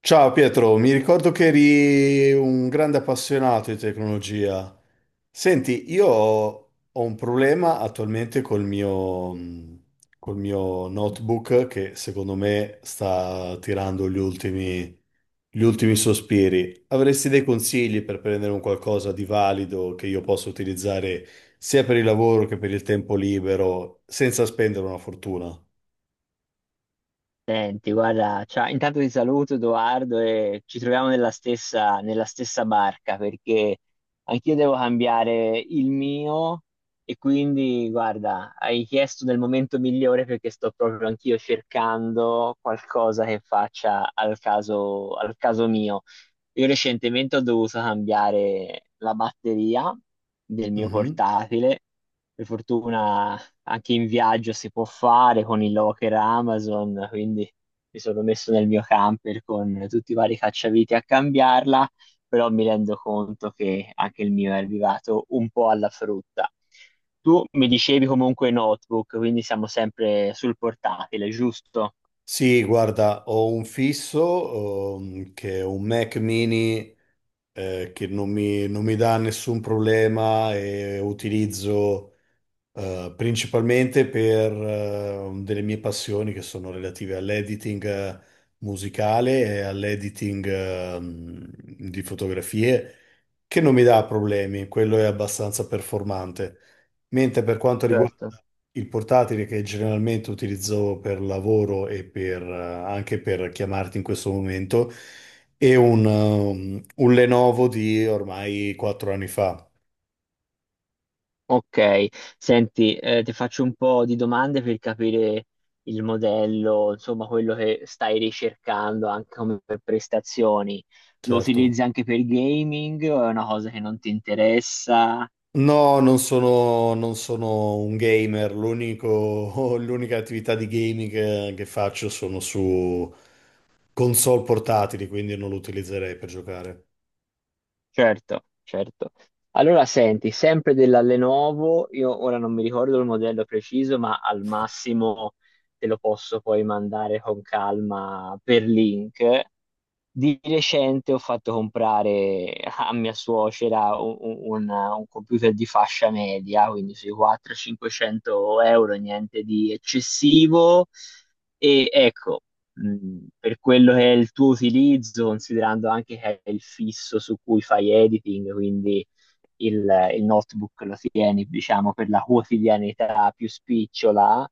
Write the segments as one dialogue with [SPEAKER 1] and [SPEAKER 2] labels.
[SPEAKER 1] Ciao Pietro, mi ricordo che eri un grande appassionato di tecnologia. Senti, io ho un problema attualmente col mio notebook che secondo me sta tirando gli ultimi sospiri. Avresti dei consigli per prendere un qualcosa di valido che io possa utilizzare sia per il lavoro che per il tempo libero senza spendere una fortuna?
[SPEAKER 2] Senti, guarda, ciao, intanto ti saluto Edoardo e ci troviamo nella stessa barca perché anch'io devo cambiare il mio e quindi, guarda, hai chiesto nel momento migliore perché sto proprio anch'io cercando qualcosa che faccia al caso mio. Io recentemente ho dovuto cambiare la batteria del mio
[SPEAKER 1] Mhm.
[SPEAKER 2] portatile. Per fortuna anche in viaggio si può fare con il locker Amazon, quindi mi sono messo nel mio camper con tutti i vari cacciaviti a cambiarla, però mi rendo conto che anche il mio è arrivato un po' alla frutta. Tu mi dicevi comunque notebook, quindi siamo sempre sul portatile, giusto?
[SPEAKER 1] Sì, guarda, ho un fisso, che è un Mac mini, che non mi dà nessun problema e utilizzo principalmente per delle mie passioni che sono relative all'editing musicale e all'editing di fotografie, che non mi dà problemi, quello è abbastanza performante. Mentre per quanto
[SPEAKER 2] Certo.
[SPEAKER 1] riguarda il portatile che generalmente utilizzo per lavoro e per anche per chiamarti in questo momento, è un Lenovo di ormai 4 anni fa,
[SPEAKER 2] Ok, senti, ti faccio un po' di domande per capire il modello, insomma, quello che stai ricercando anche come per prestazioni. Lo
[SPEAKER 1] certo.
[SPEAKER 2] utilizzi anche per gaming o è una cosa che non ti interessa?
[SPEAKER 1] No, non sono un gamer, l'unica attività di gaming che faccio sono su console portatili, quindi non lo utilizzerei per giocare.
[SPEAKER 2] Certo, certo. Allora, senti, sempre della Lenovo, io ora non mi ricordo il modello preciso, ma al massimo te lo posso poi mandare con calma per link. Di recente ho fatto comprare a mia suocera un computer di fascia media, quindi sui 400-500 euro, niente di eccessivo. E ecco, per quello che è il tuo utilizzo, considerando anche che è il fisso su cui fai editing, quindi il, il notebook lo tieni, diciamo, per la quotidianità più spicciola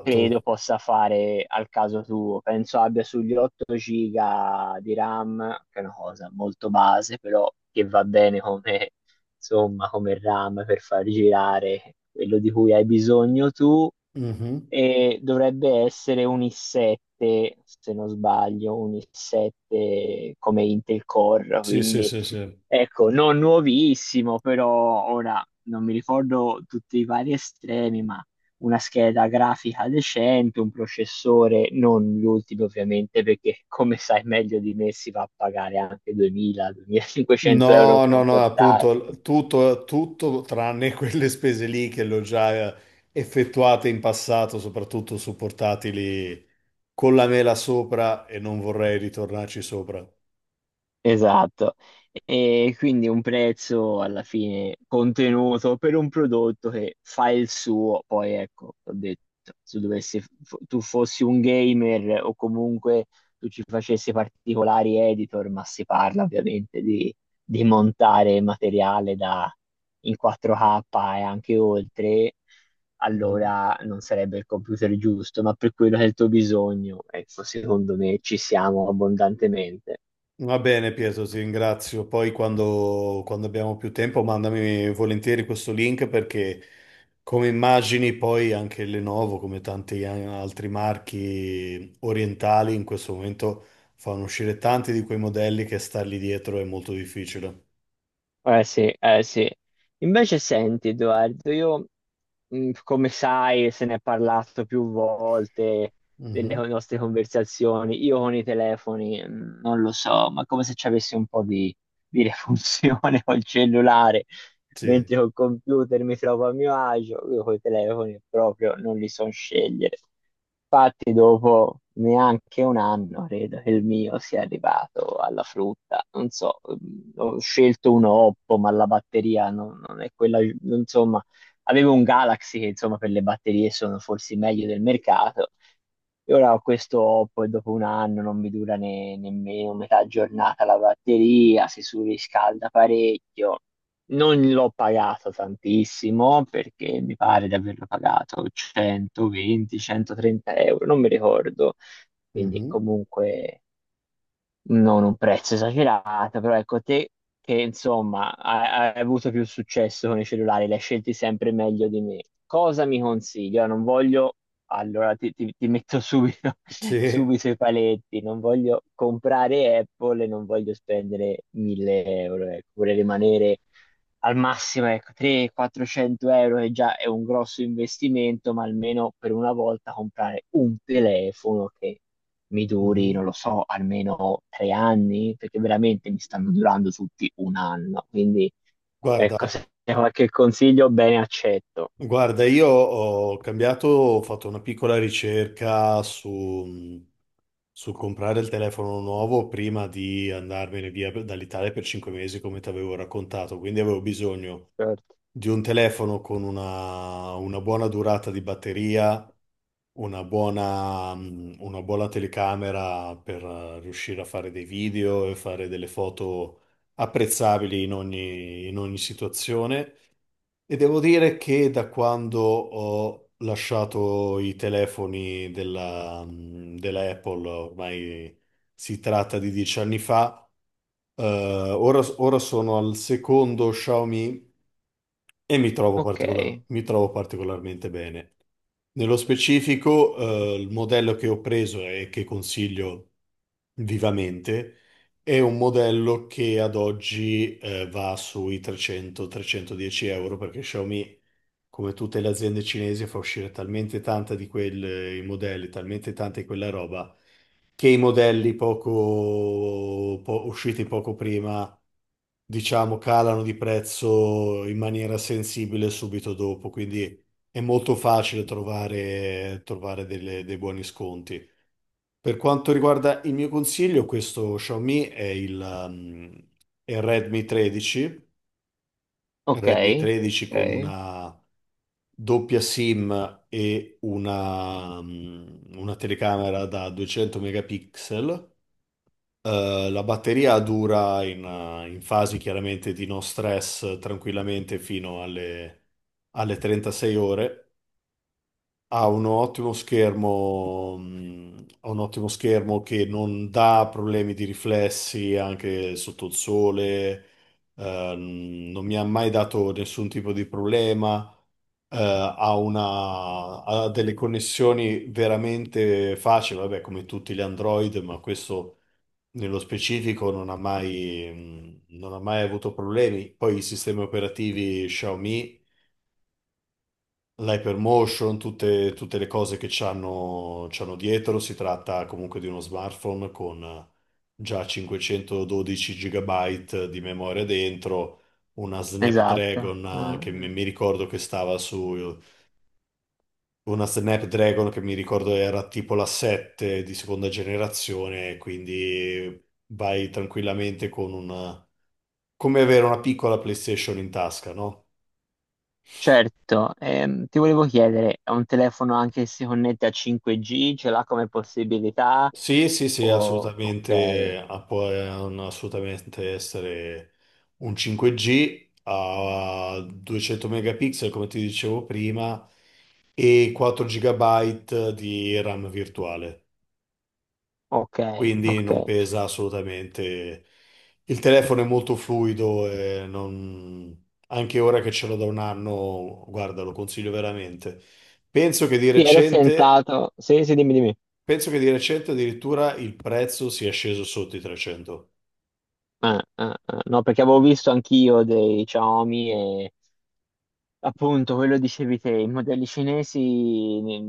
[SPEAKER 2] credo possa fare al caso tuo. Penso abbia sugli 8 giga di RAM, che è una cosa molto base, però che va bene come, insomma, come RAM per far girare quello di cui hai bisogno tu
[SPEAKER 1] Mhm.
[SPEAKER 2] e dovrebbe essere un i7, se non sbaglio, un i7 come Intel Core,
[SPEAKER 1] Sì, sì,
[SPEAKER 2] quindi
[SPEAKER 1] sì, sì.
[SPEAKER 2] ecco, non nuovissimo, però ora non mi ricordo tutti i vari estremi, ma una scheda grafica decente, un processore, non gli ultimi ovviamente, perché come sai meglio di me si va a pagare anche 2000-2500 euro
[SPEAKER 1] No,
[SPEAKER 2] per
[SPEAKER 1] no,
[SPEAKER 2] un
[SPEAKER 1] no,
[SPEAKER 2] portatile.
[SPEAKER 1] appunto, tutto tranne quelle spese lì che le ho già effettuate in passato, soprattutto su portatili con la mela sopra e non vorrei ritornarci sopra.
[SPEAKER 2] Esatto, e quindi un prezzo alla fine contenuto per un prodotto che fa il suo, poi ecco, ho detto, se dovessi, fo- tu fossi un gamer o comunque tu ci facessi particolari editor, ma si parla ovviamente di montare materiale in 4K e anche oltre,
[SPEAKER 1] Mhm.
[SPEAKER 2] allora non sarebbe il computer giusto, ma per quello che è il tuo bisogno, ecco, secondo me ci siamo abbondantemente.
[SPEAKER 1] Va bene, Pietro, ti ringrazio. Poi quando abbiamo più tempo mandami volentieri questo link, perché come immagini poi anche Lenovo, come tanti altri marchi orientali, in questo momento fanno uscire tanti di quei modelli che stargli dietro è molto difficile.
[SPEAKER 2] Eh sì, eh sì. Invece senti, Edoardo, io, come sai, se ne è parlato più volte delle
[SPEAKER 1] Mhm.
[SPEAKER 2] nostre conversazioni, io con i telefoni, non lo so, ma come se ci avessi un po' di refunzione col cellulare,
[SPEAKER 1] Sì.
[SPEAKER 2] mentre col computer mi trovo a mio agio, io con i telefoni proprio non li so scegliere. Infatti, dopo neanche un anno credo che il mio sia arrivato alla frutta. Non so, ho scelto un Oppo, ma la batteria non è quella. Insomma, avevo un Galaxy che insomma per le batterie sono forse i meglio del mercato. E ora ho questo Oppo e dopo un anno non mi dura nemmeno metà giornata la batteria, si surriscalda parecchio. Non l'ho pagato tantissimo perché mi pare di averlo pagato 120-130 euro, non mi ricordo, quindi
[SPEAKER 1] Mhm.
[SPEAKER 2] comunque non un prezzo esagerato, però ecco te che insomma hai avuto più successo con i cellulari, li hai scelti sempre meglio di me. Cosa mi consigli? Ora non voglio, allora ti metto subito,
[SPEAKER 1] Sì.
[SPEAKER 2] subito i paletti, non voglio comprare Apple e non voglio spendere 1000 euro, ecco, vorrei rimanere al massimo ecco, 300-400 euro che già è un grosso investimento, ma almeno per una volta comprare un telefono che mi duri,
[SPEAKER 1] Mhm.
[SPEAKER 2] non lo so, almeno 3 anni, perché veramente mi stanno durando tutti un anno. Quindi, ecco,
[SPEAKER 1] Guarda,
[SPEAKER 2] se c'è qualche consiglio, bene, accetto.
[SPEAKER 1] guarda, io ho fatto una piccola ricerca su Sul comprare il telefono nuovo prima di andarmene via dall'Italia per 5 mesi, come ti avevo raccontato, quindi avevo bisogno
[SPEAKER 2] Certo.
[SPEAKER 1] di un telefono con una buona durata di batteria, una buona telecamera per riuscire a fare dei video e fare delle foto apprezzabili in ogni situazione. E devo dire che da quando ho lasciato i telefoni della Apple, ormai si tratta di 10 anni fa, ora sono al secondo Xiaomi e
[SPEAKER 2] Ok,
[SPEAKER 1] mi trovo particolarmente bene. Nello specifico, il modello che ho preso e che consiglio vivamente è un modello che ad oggi, va sui 300-310 euro, perché Xiaomi, come tutte le aziende cinesi, fa uscire talmente tanta di quei modelli, talmente tanta di quella roba, che i modelli usciti poco prima, diciamo, calano di prezzo in maniera sensibile subito dopo. Quindi è molto facile trovare, dei buoni sconti. Per quanto riguarda il mio consiglio, questo Xiaomi è il Redmi 13, Redmi
[SPEAKER 2] ok,
[SPEAKER 1] 13 con
[SPEAKER 2] ok,
[SPEAKER 1] una doppia SIM e una telecamera da 200 megapixel. La batteria dura in fasi chiaramente di no stress tranquillamente fino alle 36 ore. Ha un ottimo schermo che non dà problemi di riflessi anche sotto il sole, non mi ha mai dato nessun tipo di problema, ha delle connessioni veramente facili, vabbè, come tutti gli Android, ma questo nello specifico non ha mai avuto problemi. Poi i sistemi operativi Xiaomi, l'Hypermotion, tutte le cose che c'hanno dietro, si tratta comunque di uno smartphone con già 512 GB di memoria dentro. Una
[SPEAKER 2] esatto.
[SPEAKER 1] Snapdragon che mi
[SPEAKER 2] Mm,
[SPEAKER 1] mi ricordo che stava su Una Snapdragon che mi ricordo era tipo la 7 di seconda generazione, quindi vai tranquillamente con una, come avere una piccola PlayStation in tasca, no?
[SPEAKER 2] certo. Ti volevo chiedere, è un telefono anche che si connette a 5G, ce l'ha come possibilità?
[SPEAKER 1] Sì, sì, sì,
[SPEAKER 2] Ok,
[SPEAKER 1] assolutamente, ah, può assolutamente essere un 5G a 200 megapixel, come ti dicevo prima, e 4 GB di RAM virtuale.
[SPEAKER 2] ok,
[SPEAKER 1] Quindi
[SPEAKER 2] ok.
[SPEAKER 1] non pesa assolutamente. Il telefono è molto fluido e anche ora che ce l'ho da un anno, guarda, lo consiglio veramente. Penso che di
[SPEAKER 2] Sì, ero
[SPEAKER 1] recente,
[SPEAKER 2] tentato. Sì, sì, dimmi, dimmi.
[SPEAKER 1] penso che di recente addirittura il prezzo sia sceso sotto i 300.
[SPEAKER 2] Ah, ah, ah. No, perché avevo visto anch'io dei Xiaomi e appunto quello dicevi te, i modelli cinesi ne,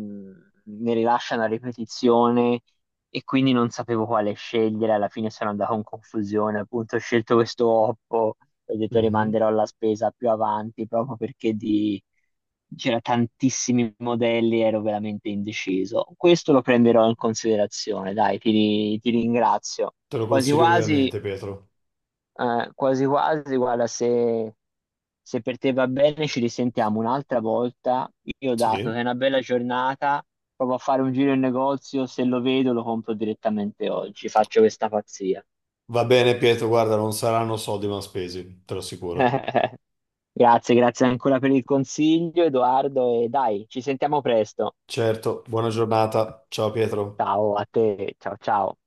[SPEAKER 2] ne rilasciano a ripetizione e quindi non sapevo quale scegliere, alla fine sono andato in confusione, appunto ho scelto questo Oppo, ho detto
[SPEAKER 1] Mhm.
[SPEAKER 2] rimanderò la spesa più avanti proprio perché c'era tantissimi modelli, ero veramente indeciso. Questo lo prenderò in considerazione, dai, ti ringrazio.
[SPEAKER 1] Te lo
[SPEAKER 2] Quasi
[SPEAKER 1] consiglio
[SPEAKER 2] quasi
[SPEAKER 1] ovviamente, Pietro.
[SPEAKER 2] quasi quasi, guarda, se per te va bene ci risentiamo un'altra volta. Io dato che è
[SPEAKER 1] Sì.
[SPEAKER 2] una bella giornata, provo a fare un giro in negozio, se lo vedo lo compro direttamente oggi, faccio questa pazzia.
[SPEAKER 1] Va bene, Pietro, guarda, non saranno soldi mal spesi, te lo assicuro.
[SPEAKER 2] Grazie, grazie ancora per il consiglio, Edoardo, e dai, ci sentiamo presto.
[SPEAKER 1] Certo, buona giornata. Ciao, Pietro.
[SPEAKER 2] Ciao a te, ciao ciao.